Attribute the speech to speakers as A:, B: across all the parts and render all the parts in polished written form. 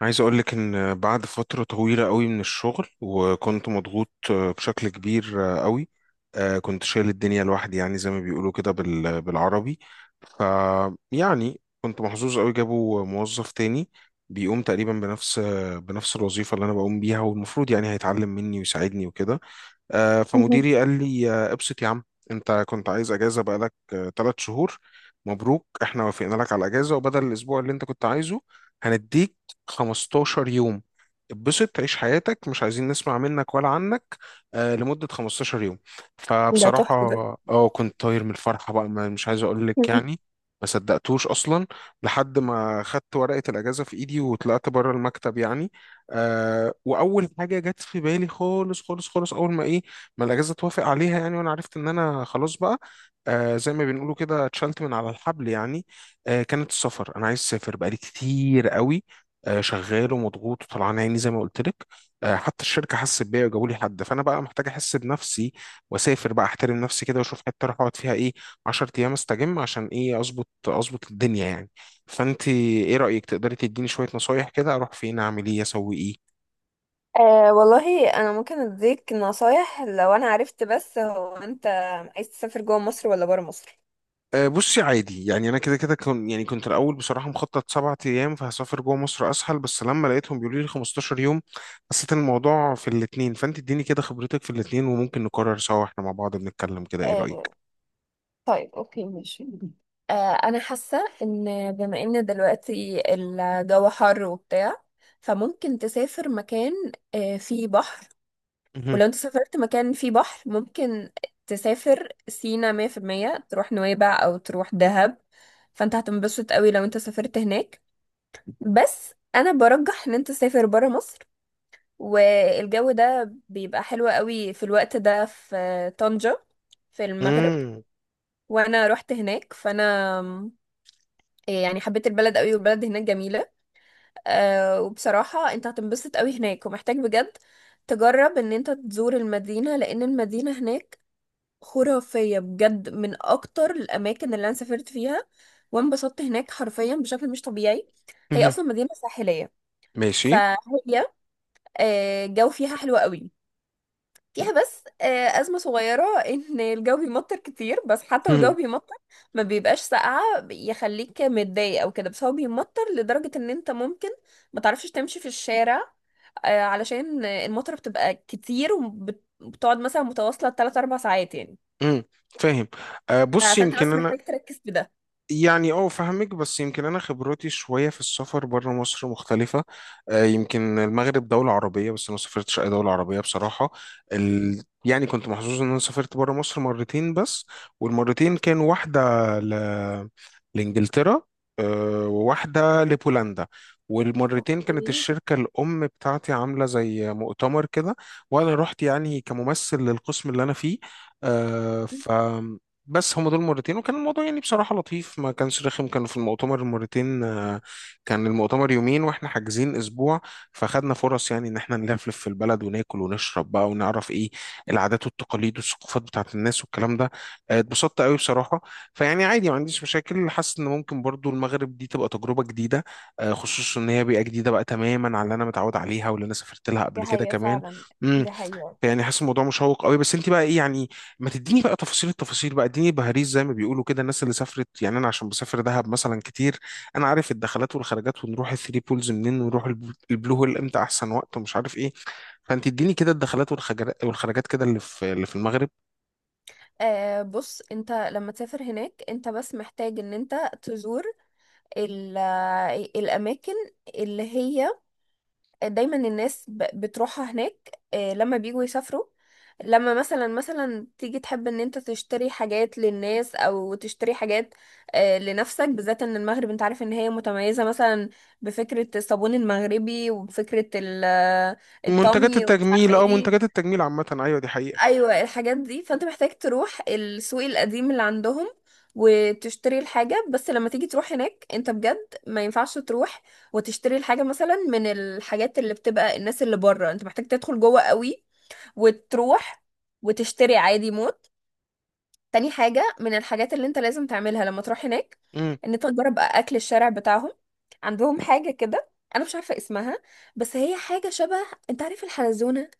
A: عايز أقولك إن بعد فترة طويلة قوي من الشغل وكنت مضغوط بشكل كبير قوي. كنت شايل الدنيا لوحدي، يعني زي ما بيقولوا كده بالعربي. ف يعني كنت محظوظ قوي، جابوا موظف تاني بيقوم تقريبا بنفس بنفس الوظيفة اللي أنا بقوم بيها، والمفروض يعني هيتعلم مني ويساعدني وكده.
B: مهم.
A: فمديري قال لي، ابسط يا عم، انت كنت عايز اجازه بقالك 3 شهور. مبروك، احنا وافقنا لك على الاجازه، وبدل الاسبوع اللي انت كنت عايزه هنديك 15 يوم. اتبسط، تعيش حياتك، مش عايزين نسمع منك ولا عنك لمده 15 يوم.
B: ده تحفة
A: فبصراحه
B: ده.
A: اه كنت طاير من الفرحه بقى، مش عايز اقول لك
B: مم.
A: يعني. ما صدقتوش اصلا لحد ما خدت ورقه الاجازه في ايدي وطلعت بره المكتب يعني. واول حاجه جت في بالي خالص خالص خالص، اول ما ايه ما الاجازه توافق عليها يعني، وانا عرفت ان انا خلاص بقى زي ما بنقولوا كده اتشلت من على الحبل يعني. كانت السفر، انا عايز اسافر بقالي كتير قوي. شغال ومضغوط وطلعان عيني زي ما قلت لك. حتى الشركه حست بيا وجابوا لي حد، فانا بقى محتاج احس بنفسي واسافر بقى، احترم نفسي كده واشوف حته اروح اقعد فيها ايه 10 ايام استجم، عشان ايه، اظبط اظبط الدنيا يعني. فانت ايه رأيك؟ تقدري تديني شوية نصايح كده اروح فين، اعمل ايه، اسوي ايه؟
B: أه والله انا ممكن اديك نصايح لو انا عرفت، بس هو انت عايز تسافر جوه مصر ولا بره مصر؟
A: أه بصي عادي يعني، انا كده كده كن يعني كنت الاول بصراحة مخطط 7 ايام، فهسافر جوه مصر اسهل، بس لما لقيتهم بيقولوا لي 15 يوم حسيت إن الموضوع في الاتنين، فانت اديني كده خبرتك في الاتنين وممكن نقرر سوا احنا مع بعض بنتكلم كده، ايه رأيك؟
B: آه، طيب، اوكي، ماشي. أه، انا حاسه ان بما ان دلوقتي الجو حر وبتاع، فممكن تسافر مكان فيه بحر.
A: مهم.
B: ولو انت سافرت مكان فيه بحر، ممكن تسافر سينا 100%، تروح نويبع او تروح دهب، فانت هتنبسط قوي لو انت سافرت هناك. بس انا برجح ان انت تسافر برا مصر، والجو ده بيبقى حلو قوي في الوقت ده في طنجة، في المغرب.
A: مم.
B: وانا رحت هناك، فانا إيه، يعني حبيت البلد قوي، والبلد هناك جميلة. أه، وبصراحة انت هتنبسط قوي هناك، ومحتاج بجد تجرب ان انت تزور المدينة، لان المدينة هناك خرافية بجد، من اكتر الاماكن اللي انا سافرت فيها وانبسطت هناك حرفيا بشكل مش طبيعي. هي
A: مهم.
B: اصلا مدينة ساحلية،
A: ماشي.
B: فهي الجو فيها حلو قوي. فيها بس أزمة صغيرة إن الجو بيمطر كتير، بس حتى والجو
A: مهم.
B: بيمطر ما بيبقاش ساقعة يخليك متضايق أو كده، بس هو بيمطر لدرجة إن أنت ممكن ما تعرفش تمشي في الشارع، علشان المطر بتبقى كتير، وبتقعد مثلا متواصلة 3 4 ساعات يعني.
A: مم. فاهم. أه بصي
B: فأنت
A: يمكن
B: بس
A: انا،
B: محتاج تركز في ده.
A: يعني اه فاهمك، بس يمكن انا خبرتي شويه في السفر بره مصر مختلفه. يمكن المغرب دوله عربيه، بس انا ما سافرتش اي دوله عربيه بصراحه. يعني كنت محظوظ ان انا سافرت بره مصر مرتين بس، والمرتين كان واحده ل... لانجلترا، وواحده لبولندا. والمرتين كانت
B: اوكي.
A: الشركة الأم بتاعتي عاملة زي مؤتمر كده، وأنا رحت يعني كممثل للقسم اللي أنا فيه. آه، ف بس هما دول مرتين، وكان الموضوع يعني بصراحة لطيف، ما كانش رخم. كانوا في المؤتمر المرتين كان المؤتمر يومين واحنا حاجزين اسبوع، فخدنا فرص يعني ان احنا نلفلف في البلد وناكل ونشرب بقى ونعرف ايه العادات والتقاليد والثقافات بتاعت الناس والكلام ده. اتبسطت قوي بصراحة. فيعني عادي، ما عنديش مشاكل، حاسس ان ممكن برضو المغرب دي تبقى تجربة جديدة، خصوصا ان هي بيئة جديدة بقى تماما على اللي انا متعود عليها واللي انا سافرت لها
B: دي
A: قبل كده
B: حقيقة
A: كمان.
B: فعلا.
A: مم.
B: دي حقيقة.
A: يعني حاسس الموضوع مشوق قوي، بس انت بقى ايه يعني، ما تديني بقى تفاصيل التفاصيل بقى، اديني بهاريز زي ما بيقولوا كده الناس اللي سافرت يعني. انا عشان بسافر دهب مثلا كتير، انا عارف الدخلات والخرجات، ونروح الثري بولز منين، ونروح البلو هول امتى احسن وقت، ومش عارف ايه. فانت اديني كده الدخلات والخرجات كده اللي في المغرب.
B: آه، بص، انت لما تسافر هناك، انت بس محتاج ان انت تزور ال- الأماكن اللي هي دايما الناس بتروحها هناك، لما بيجوا يسافروا. لما مثلا تيجي تحب ان انت تشتري حاجات للناس او تشتري حاجات، لنفسك بالذات. ان المغرب انت عارف ان هي متميزة مثلا بفكرة الصابون المغربي، وبفكرة
A: منتجات
B: الطمي ومش عارفة
A: التجميل، اه
B: ايه.
A: منتجات التجميل عامة، ايوه دي حقيقة.
B: ايوه، الحاجات دي. فانت محتاج تروح السوق القديم اللي عندهم وتشتري الحاجة. بس لما تيجي تروح هناك انت بجد، ما ينفعش تروح وتشتري الحاجة مثلا من الحاجات اللي بتبقى الناس اللي بره، انت محتاج تدخل جوه قوي وتروح وتشتري عادي موت. تاني حاجة من الحاجات اللي انت لازم تعملها لما تروح هناك،
A: امم.
B: ان انت تجرب اكل الشارع بتاعهم. عندهم حاجة كده انا مش عارفة اسمها، بس هي حاجة شبه، انت عارف الحلزونة؟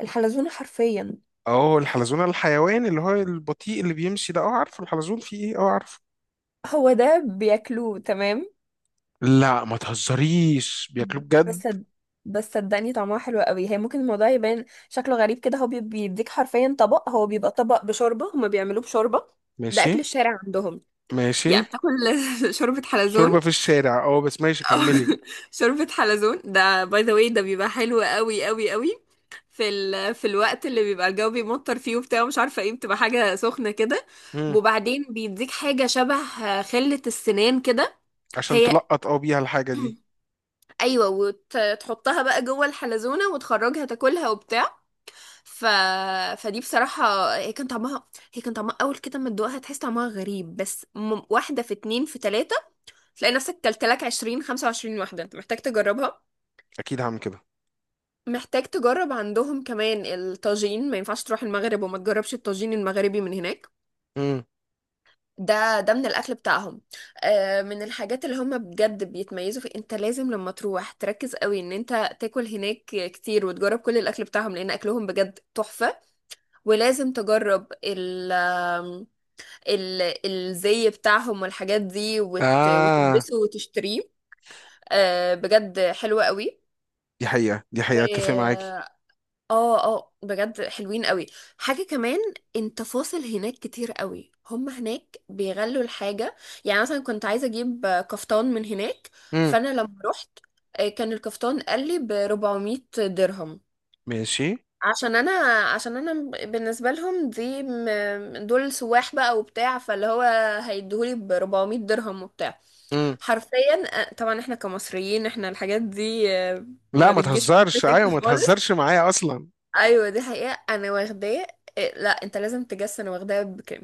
B: الحلزونة حرفيا.
A: اه الحلزون الحيوان اللي هو البطيء اللي بيمشي ده، اه عارفه الحلزون، فيه ايه؟ اه عارفه.
B: هو ده بياكلوه، تمام.
A: لا ما تهزريش، بياكلوه
B: بس
A: بجد؟
B: صد- بس صدقني طعمها حلو قوي. هي ممكن الموضوع يبان شكله غريب كده، هو بيديك حرفيا طبق، هو بيبقى طبق بشوربة، هما بيعملوه بشوربة. ده
A: ماشي.
B: أكل الشارع عندهم.
A: ماشي.
B: يعني بتاكل شوربة
A: شوربة
B: حلزون.
A: في الشارع، اه بس ماشي
B: أو
A: كملي.
B: شوربة حلزون، ده باي ذا واي ده بيبقى حلو قوي قوي قوي في الوقت اللي بيبقى الجو بيمطر فيه وبتاع مش عارفة ايه، بتبقى حاجة سخنة كده.
A: مم.
B: وبعدين بيديك حاجة شبه خلة السنان كده،
A: عشان
B: هي
A: تلقط اه بيها الحاجة دي.
B: ايوه، وتحطها بقى جوه الحلزونه وتخرجها تاكلها وبتاع. ف... فدي بصراحه هي كان طعمها، هي كان طعمها اول كده ما تدوقها تحس طعمها غريب، بس واحده في اتنين في تلاته تلاقي نفسك كلت لك 20 25 واحده. انت محتاج تجربها.
A: اكيد هعمل كده.
B: محتاج تجرب عندهم كمان الطاجين، ما ينفعش تروح المغرب وما تجربش الطاجين المغربي من هناك.
A: مم.
B: ده ده من الاكل بتاعهم، من الحاجات اللي هم بجد بيتميزوا في. انت لازم لما تروح تركز قوي ان انت تاكل هناك كتير وتجرب كل الاكل بتاعهم لان اكلهم بجد تحفة. ولازم تجرب ال آم، ال الزي بتاعهم والحاجات دي،
A: اه
B: وتلبسه وتشتريه، بجد حلوة قوي.
A: دي حقيقة، دي حقيقة، اتفق معاكي.
B: اه، اه، بجد حلوين قوي. حاجة كمان، انت فاصل هناك كتير قوي، هم هناك بيغلوا الحاجة. يعني مثلا كنت عايزة اجيب كفتان من هناك.
A: مم.
B: فانا لما رحت كان الكفتان قال لي ب 400 درهم.
A: ماشي.
B: عشان انا، عشان انا بالنسبة لهم دي دول سواح بقى وبتاع، فاللي هو هيديهولي ب 400 درهم وبتاع
A: مم.
B: حرفيا. طبعا احنا كمصريين احنا الحاجات دي
A: لا
B: ما
A: ما
B: بتجيش في
A: تهزرش، ايوه
B: سكة
A: ما
B: خالص.
A: تهزرش معايا اصلا.
B: ايوه دي حقيقة، انا واخداه. إيه، لا انت لازم تجس، انا واخداه بكام؟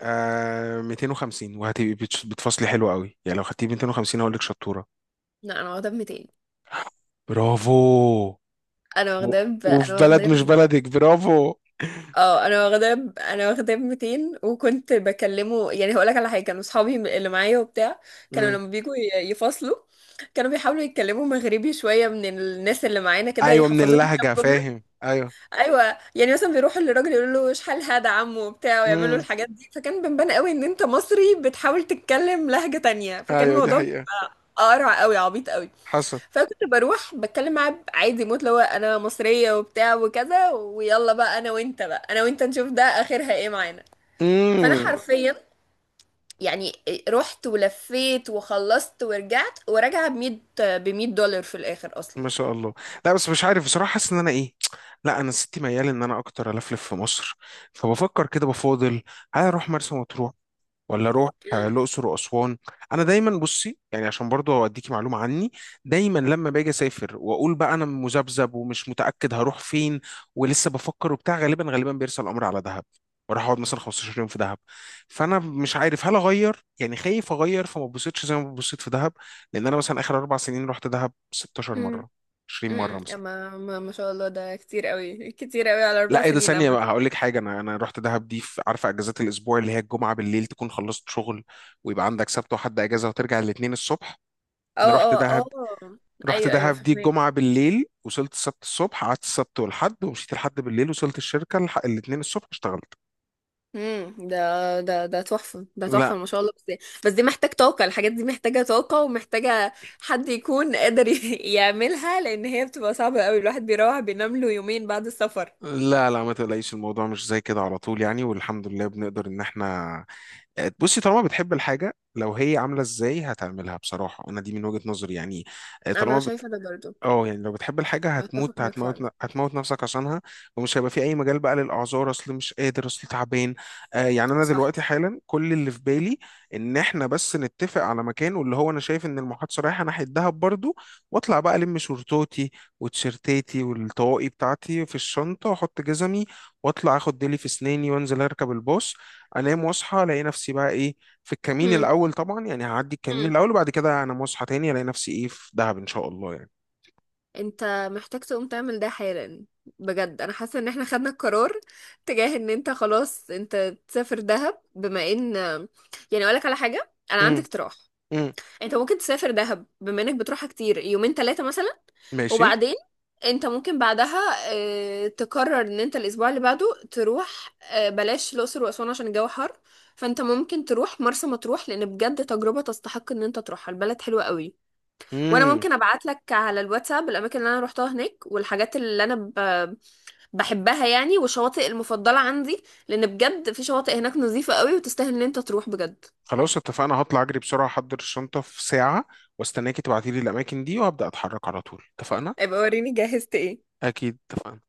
A: 250، بتفصلي حلو قوي يعني، لو خدتي 250 هقول لك شطورة.
B: لا، انا واخداه ب 200.
A: برافو.
B: انا
A: و...
B: واخداه ب...
A: وفي
B: انا واخداه
A: بلد مش
B: ب...
A: بلدك، برافو.
B: انا واخداه ب 200، وكنت بكلمه. يعني هقول لك على حاجة، كانوا اصحابي اللي معايا وبتاع كانوا
A: مم.
B: لما بيجوا يفصلوا كانوا بيحاولوا يتكلموا مغربي شوية من الناس اللي معانا كده
A: ايوه من
B: يحفظوهم
A: اللهجة،
B: كام.
A: فاهم، ايوه.
B: ايوه، يعني مثلا بيروحوا للراجل يقولوا له شحال هذا عمو وبتاع ويعملوا
A: مم.
B: الحاجات دي. فكان بنبان قوي ان انت مصري بتحاول تتكلم لهجة تانية، فكان
A: ايوه دي
B: الموضوع
A: حقيقة،
B: بيبقى قرع قوي عبيط قوي.
A: حصل.
B: فكنت بروح بتكلم معاه عادي موت، اللي هو انا مصرية وبتاع وكذا، ويلا بقى انا وانت، بقى انا وانت نشوف ده اخرها ايه معانا. فانا
A: مم.
B: حرفيا يعني رحت ولفيت وخلصت ورجعت وراجعة ب 100، ب 100 دولار في الاخر اصلا.
A: ما شاء الله. لا بس مش عارف بصراحة، حاسس ان انا ايه. لا انا ستي ميال ان انا اكتر الفلف في مصر، فبفكر كده بفاضل هل اروح مرسى مطروح ولا اروح الاقصر واسوان. انا دايما بصي يعني عشان برضه اديكي معلومه عني، دايما لما باجي اسافر واقول بقى انا مذبذب ومش متاكد هروح فين ولسه بفكر وبتاع، غالبا غالبا بيرسى الامر على دهب. وراح اقعد مثلا 15 يوم في دهب. فانا مش عارف هل اغير، يعني خايف اغير فما اتبسطش زي ما اتبسطت في دهب، لان انا مثلا اخر 4 سنين رحت دهب 16 مره، 20 مره مثلا.
B: ما شاء الله، ده كتير قوي كتير قوي على اربع
A: لا ايه ده،
B: سنين
A: ثانية
B: عامة.
A: بقى هقول لك حاجة، انا رحت دهب دي في، عارفة اجازات الاسبوع اللي هي الجمعة بالليل تكون خلصت شغل، ويبقى عندك سبت وحد اجازة، وترجع الاثنين الصبح.
B: اه،
A: انا رحت
B: اه، اه،
A: دهب. رحت
B: ايوه، ايوه،
A: دهب دي
B: فهمك.
A: الجمعة بالليل، وصلت السبت الصبح، قعدت السبت والحد، ومشيت الحد بالليل، وصلت الشركة الاثنين الصبح اشتغلت.
B: امم ده ده تحفة، ده
A: لا
B: تحفة، ما شاء الله. بس بس دي محتاج طاقة، الحاجات دي محتاجة طاقة ومحتاجة حد يكون قادر يعملها، لان هي بتبقى صعبة قوي، الواحد بيروح بينام له يومين بعد السفر.
A: لا لا ما تقلقيش، الموضوع مش زي كده على طول يعني، والحمد لله بنقدر ان احنا، بصي طالما بتحب الحاجة لو هي عاملة ازاي هتعملها بصراحة، انا دي من وجهة نظري يعني.
B: انا
A: طالما
B: شايفة ده برضو.
A: اه يعني لو بتحب الحاجة
B: اتفق
A: هتموت،
B: معاك
A: هتموت
B: فعلا.
A: هتموت نفسك عشانها. ومش هيبقى في أي مجال بقى للأعذار، أصل مش قادر، أصل تعبان. يعني أنا
B: صح.
A: دلوقتي حالا كل اللي في بالي إن إحنا بس نتفق على مكان، واللي هو أنا شايف إن المحادثة رايحة ناحية دهب برضو. وأطلع بقى ألم شورتوتي وتيشيرتاتي والطواقي بتاعتي في الشنطة، وأحط جزمي، وأطلع آخد ديلي في أسناني، وأنزل أركب الباص، أنام وأصحى ألاقي نفسي بقى إيه في الكمين
B: امم،
A: الأول، طبعا يعني هعدي الكمين الأول وبعد كده أنا مصحى تاني ألاقي نفسي إيه في دهب إن شاء الله يعني.
B: انت محتاج تقوم تعمل ده حالا، بجد انا حاسه ان احنا خدنا القرار تجاه ان انت خلاص انت تسافر دهب. بما ان يعني اقولك على حاجه، انا عندي
A: امم.
B: اقتراح.
A: امم.
B: انت ممكن تسافر دهب بما انك بتروحها كتير، يومين ثلاثه مثلا،
A: ماشي.
B: وبعدين انت ممكن بعدها اه، تقرر ان انت الاسبوع اللي بعده تروح، بلاش الاقصر واسوان عشان الجو حر. فانت ممكن تروح مرسى مطروح، لان بجد تجربه تستحق ان انت تروحها، البلد حلوه قوي. وانا
A: امم.
B: ممكن ابعت لك على الواتساب الاماكن اللي انا روحتها هناك، والحاجات اللي انا بحبها يعني، والشواطئ المفضله عندي، لان بجد في شواطئ هناك نظيفه قوي وتستاهل ان انت تروح بجد.
A: خلاص اتفقنا، هطلع اجري بسرعة احضر الشنطة في ساعة، واستناكي تبعتيلي الاماكن دي وابدأ اتحرك على طول، اتفقنا؟
B: ابقى وريني جهزت ايه.
A: اكيد، اتفقنا.